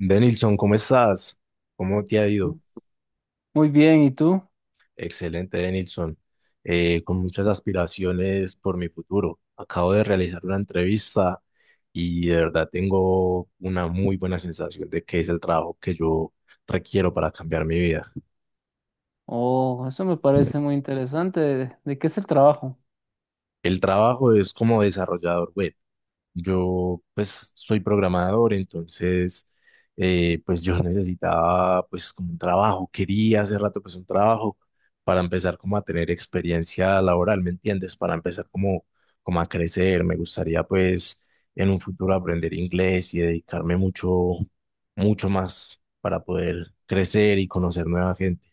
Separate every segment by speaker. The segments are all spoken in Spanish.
Speaker 1: Denilson, ¿cómo estás? ¿Cómo te ha ido?
Speaker 2: Muy bien, ¿y tú?
Speaker 1: Excelente, Denilson. Con muchas aspiraciones por mi futuro. Acabo de realizar una entrevista y de verdad tengo una muy buena sensación de que es el trabajo que yo requiero para cambiar mi vida.
Speaker 2: Oh, eso me parece muy interesante. ¿De qué es el trabajo?
Speaker 1: El trabajo es como desarrollador web. Yo pues soy programador, entonces pues yo necesitaba pues como un trabajo, quería hace rato pues un trabajo para empezar como a tener experiencia laboral, ¿me entiendes? Para empezar como, como a crecer, me gustaría pues en un futuro aprender inglés y dedicarme mucho, mucho más para poder crecer y conocer nueva gente.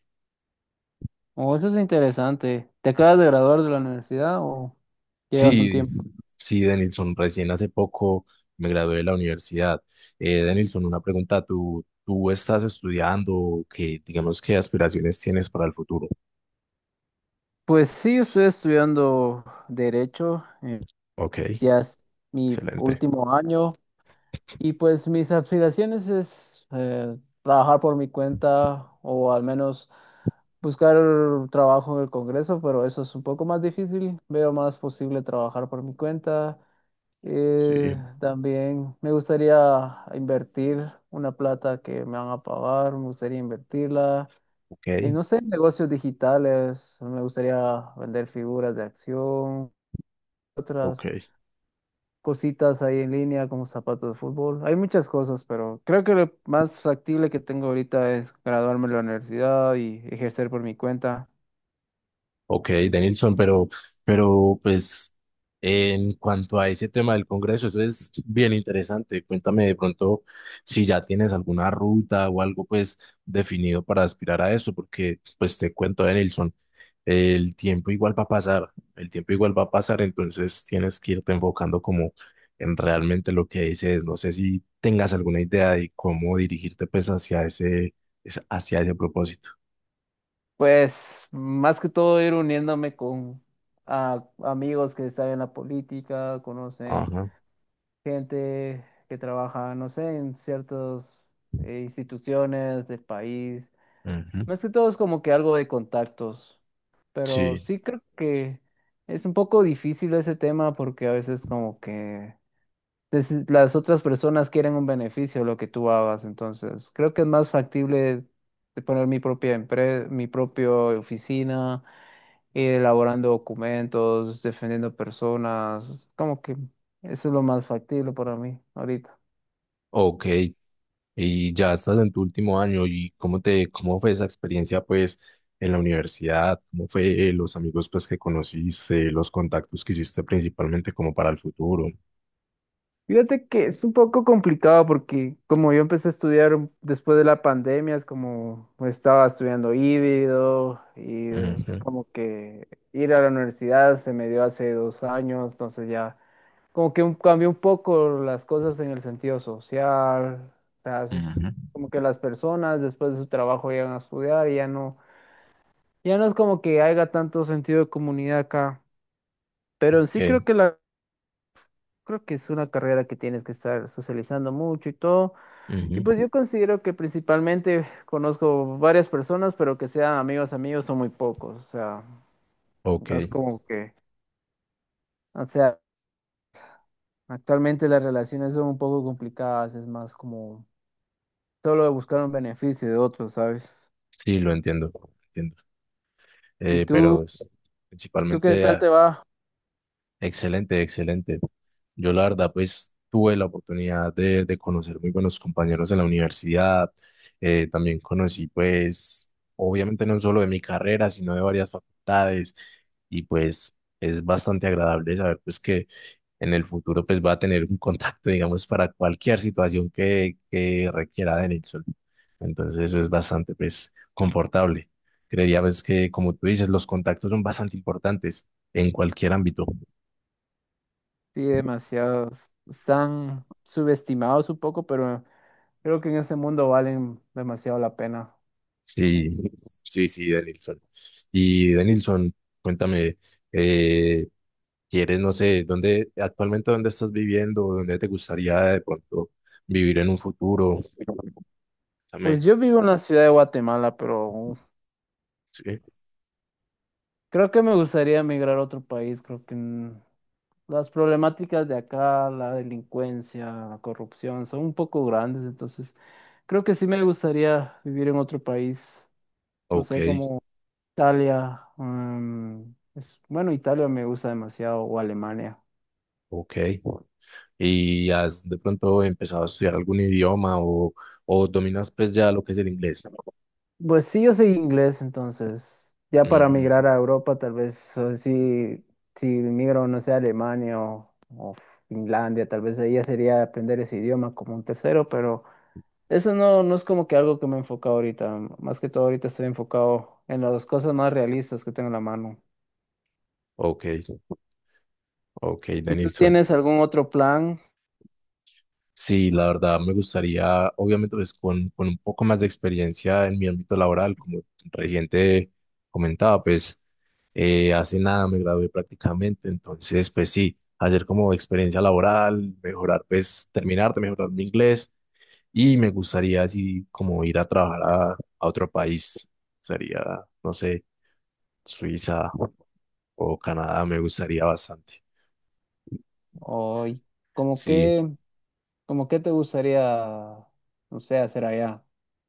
Speaker 2: Oh, eso es interesante. ¿Te acabas de graduar de la universidad o llevas un
Speaker 1: Sí,
Speaker 2: tiempo?
Speaker 1: sí, Denilson, recién hace poco me gradué de la universidad. Denilson, una pregunta, ¿Tú estás estudiando? ¿Qué, digamos, qué aspiraciones tienes para el futuro?
Speaker 2: Pues sí, yo estoy estudiando Derecho,
Speaker 1: Ok,
Speaker 2: ya es mi
Speaker 1: excelente.
Speaker 2: último año y pues mis aspiraciones es trabajar por mi cuenta o al menos buscar trabajo en el Congreso, pero eso es un poco más difícil. Veo más posible trabajar por mi cuenta.
Speaker 1: Sí,
Speaker 2: También me gustaría invertir una plata que me van a pagar, me gustaría invertirla
Speaker 1: ok,
Speaker 2: en, no sé, negocios digitales, me gustaría vender figuras de acción,
Speaker 1: ok.
Speaker 2: otras cositas ahí en línea como zapatos de fútbol. Hay muchas cosas, pero creo que lo más factible que tengo ahorita es graduarme de la universidad y ejercer por mi cuenta.
Speaker 1: Ok, Denilson, pero pues en cuanto a ese tema del Congreso, eso es bien interesante. Cuéntame de pronto si ya tienes alguna ruta o algo pues definido para aspirar a eso, porque pues te cuento, Denilson. El tiempo igual va a pasar, el tiempo igual va a pasar, entonces tienes que irte enfocando como en realmente lo que dices. No sé si tengas alguna idea de cómo dirigirte pues hacia ese, hacia ese propósito.
Speaker 2: Pues más que todo ir uniéndome con amigos que están en la política, conocen
Speaker 1: Ajá,
Speaker 2: gente que trabaja, no sé, en ciertas instituciones del país.
Speaker 1: ujú,
Speaker 2: Más que todo es como que algo de contactos, pero
Speaker 1: sí,
Speaker 2: sí creo que es un poco difícil ese tema porque a veces como que las otras personas quieren un beneficio de lo que tú hagas, entonces creo que es más factible de poner mi propia empresa, mi propia oficina, ir elaborando documentos, defendiendo personas, como que eso es lo más factible para mí ahorita.
Speaker 1: ok. Y ya estás en tu último año y cómo fue esa experiencia pues en la universidad, cómo fue los amigos pues que conociste, los contactos que hiciste principalmente como para el futuro.
Speaker 2: Fíjate que es un poco complicado porque como yo empecé a estudiar después de la pandemia, es como pues, estaba estudiando híbrido y es
Speaker 1: Ujú,
Speaker 2: como que ir a la universidad se me dio hace dos años, entonces ya como que cambió un poco las cosas en el sentido social, o sea, es
Speaker 1: ujú,
Speaker 2: como que las personas después de su trabajo llegan a estudiar y ya no, ya no es como que haya tanto sentido de comunidad acá, pero sí creo
Speaker 1: ok.
Speaker 2: que creo que es una carrera que tienes que estar socializando mucho y todo. Y pues
Speaker 1: Ujú.
Speaker 2: yo considero que principalmente conozco varias personas, pero que sean amigos amigos son muy pocos. O sea,
Speaker 1: Ok,
Speaker 2: no es como que, o sea, actualmente las relaciones son un poco complicadas, es más como solo de buscar un beneficio de otros, ¿sabes?
Speaker 1: sí, lo entiendo, lo entiendo.
Speaker 2: ¿Y
Speaker 1: Pero
Speaker 2: tú,
Speaker 1: pues,
Speaker 2: tú qué
Speaker 1: principalmente,
Speaker 2: tal
Speaker 1: ah,
Speaker 2: te va?
Speaker 1: excelente, excelente. Yo la verdad, pues tuve la oportunidad de conocer muy buenos compañeros en la universidad. También conocí, pues, obviamente no solo de mi carrera, sino de varias facultades. Y pues es bastante agradable saber, pues, que en el futuro, pues, va a tener un contacto, digamos, para cualquier situación que requiera de Nilsson. Entonces eso es bastante, pues, confortable. Creería, pues, que como tú dices, los contactos son bastante importantes en cualquier ámbito.
Speaker 2: Sí, demasiados. Están subestimados un poco, pero creo que en ese mundo valen demasiado la pena.
Speaker 1: Sí, sí, sí, Denilson. Y Denilson, cuéntame, eh, ¿quieres, no sé, actualmente dónde estás viviendo, dónde te gustaría de pronto vivir en un futuro?
Speaker 2: Pues
Speaker 1: Cuéntame,
Speaker 2: yo vivo en la ciudad de Guatemala, pero
Speaker 1: sí,
Speaker 2: creo que me gustaría emigrar a otro país. Creo que las problemáticas de acá, la delincuencia, la corrupción, son un poco grandes, entonces creo que sí me gustaría vivir en otro país, no
Speaker 1: ok,
Speaker 2: sé, como Italia, mm, bueno, Italia me gusta demasiado, o Alemania.
Speaker 1: ok. ¿Y has de pronto empezado a estudiar algún idioma o dominas, pues, ya lo que es el inglés?
Speaker 2: Pues sí, yo soy inglés, entonces ya para migrar
Speaker 1: Ujú,
Speaker 2: a Europa tal vez, o si migro, no sé, a Alemania o Finlandia, tal vez ahí ya sería aprender ese idioma como un tercero, pero... Eso no, no es como que algo que me enfoca ahorita. Más que todo ahorita estoy enfocado en las cosas más realistas que tengo en la mano.
Speaker 1: ok. Ok,
Speaker 2: ¿Y tú
Speaker 1: Danielson.
Speaker 2: tienes algún otro plan?
Speaker 1: Sí, la verdad me gustaría, obviamente, pues con un poco más de experiencia en mi ámbito laboral, como reciente comentaba, pues hace nada me gradué prácticamente, entonces, pues sí, hacer como experiencia laboral, mejorar, pues terminar de mejorar mi inglés y me gustaría así como ir a trabajar a otro país, sería, no sé, Suiza o Canadá, me gustaría bastante.
Speaker 2: ¿O y como
Speaker 1: Sí,
Speaker 2: qué, como qué te gustaría, no sé, hacer allá?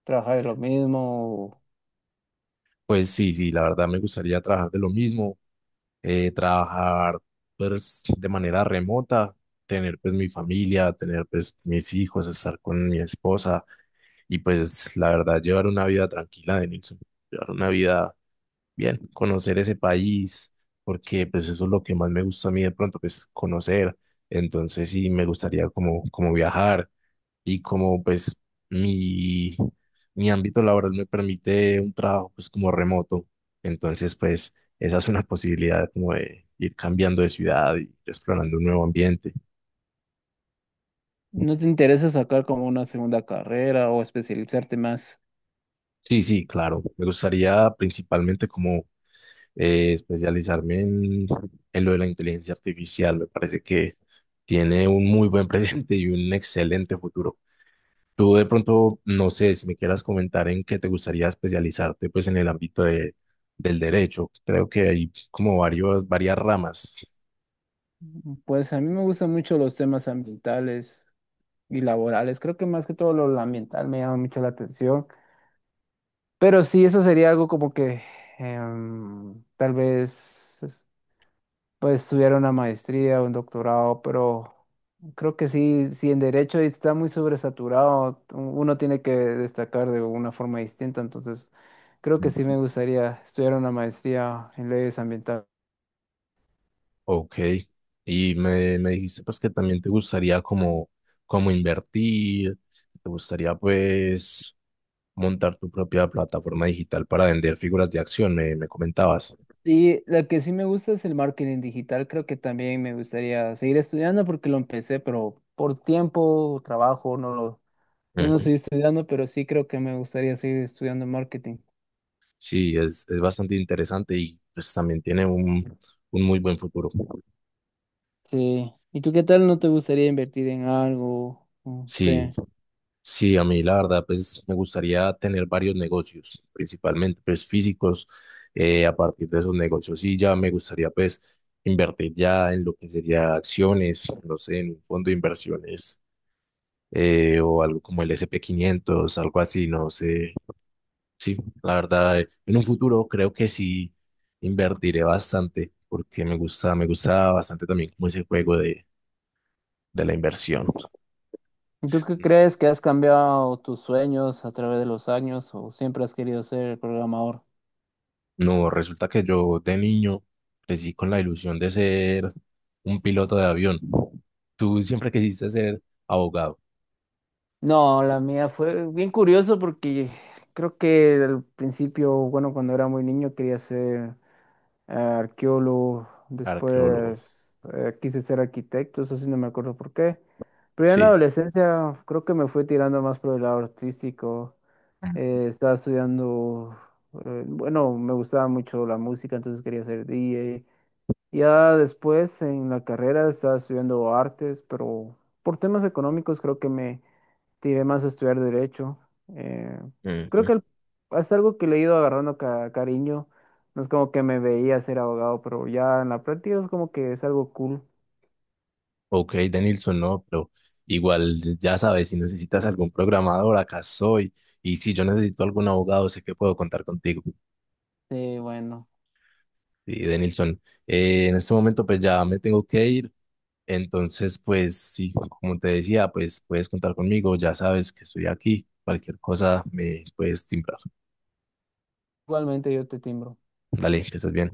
Speaker 2: ¿Trabajar en lo mismo? ¿O
Speaker 1: pues sí, sí, la verdad me gustaría trabajar de lo mismo trabajar pues de manera remota, tener pues mi familia, tener pues mis hijos, estar con mi esposa y pues la verdad llevar una vida tranquila de Nilsson, llevar una vida bien, conocer ese país, porque pues eso es lo que más me gusta a mí de pronto, pues conocer. Entonces sí, me gustaría como, como viajar, y como pues mi, mi ámbito laboral me permite un trabajo pues como remoto, entonces pues esa es una posibilidad como de ir cambiando de ciudad y explorando un nuevo ambiente.
Speaker 2: no te interesa sacar como una segunda carrera o especializarte más?
Speaker 1: Sí, sí, claro, me gustaría principalmente como especializarme en lo de la inteligencia artificial, me parece que tiene un muy buen presente y un excelente futuro. Tú de pronto, no sé si me quieras comentar en qué te gustaría especializarte, pues en el ámbito del derecho. Creo que hay como varias ramas.
Speaker 2: Pues a mí me gustan mucho los temas ambientales y laborales. Creo que más que todo lo ambiental me llama mucho la atención. Pero sí, eso sería algo como que tal vez pues estudiar una maestría o un doctorado, pero creo que sí, si en derecho está muy sobresaturado, uno tiene que destacar de una forma distinta, entonces creo que sí me gustaría estudiar una maestría en leyes ambientales.
Speaker 1: Ok, y me dijiste pues que también te gustaría como invertir, te gustaría pues montar tu propia plataforma digital para vender figuras de acción, me comentabas.
Speaker 2: Y la que sí me gusta es el marketing digital, creo que también me gustaría seguir estudiando porque lo empecé, pero por tiempo, trabajo, no lo. Ya no
Speaker 1: Ujú.
Speaker 2: estoy estudiando, pero sí creo que me gustaría seguir estudiando marketing.
Speaker 1: Sí, es bastante interesante y pues también tiene un muy buen futuro.
Speaker 2: Sí. ¿Y tú qué tal? ¿No te gustaría invertir en algo? Mm, sí.
Speaker 1: Sí, sí, a mí la verdad, pues me gustaría tener varios negocios, principalmente pues físicos. A partir de esos negocios, sí, ya me gustaría pues invertir ya en lo que sería acciones, no sé, en un fondo de inversiones o algo como el S&P 500, algo así, no sé. Sí, la verdad, en un futuro creo que sí invertiré bastante porque me gusta bastante también como ese juego de la inversión.
Speaker 2: ¿Y tú qué crees que has cambiado tus sueños a través de los años o siempre has querido ser programador?
Speaker 1: No, resulta que yo de niño crecí con la ilusión de ser un piloto de avión. Tú siempre quisiste ser abogado,
Speaker 2: No, la mía fue bien curioso porque creo que al principio, bueno, cuando era muy niño quería ser arqueólogo,
Speaker 1: arqueólogo.
Speaker 2: después quise ser arquitecto, eso sí no me acuerdo por qué. Pero ya en la
Speaker 1: Sí.
Speaker 2: adolescencia creo que me fui tirando más por el lado artístico. Estaba estudiando, bueno, me gustaba mucho la música, entonces quería ser DJ. Ya después en la carrera estaba estudiando artes, pero por temas económicos creo que me tiré más a estudiar derecho. Eh, Creo
Speaker 1: Ujú.
Speaker 2: que es algo que le he ido agarrando cariño. No es como que me veía ser abogado, pero ya en la práctica es como que es algo cool.
Speaker 1: Ok, Denilson, no, pero igual ya sabes, si necesitas algún programador, acá soy. Y si yo necesito algún abogado, sé que puedo contar contigo.
Speaker 2: Bueno,
Speaker 1: Sí, Denilson, en este momento pues ya me tengo que ir. Entonces, pues sí, como te decía, pues puedes contar conmigo, ya sabes que estoy aquí, cualquier cosa me puedes timbrar.
Speaker 2: igualmente yo te timbro.
Speaker 1: Dale, que estés bien.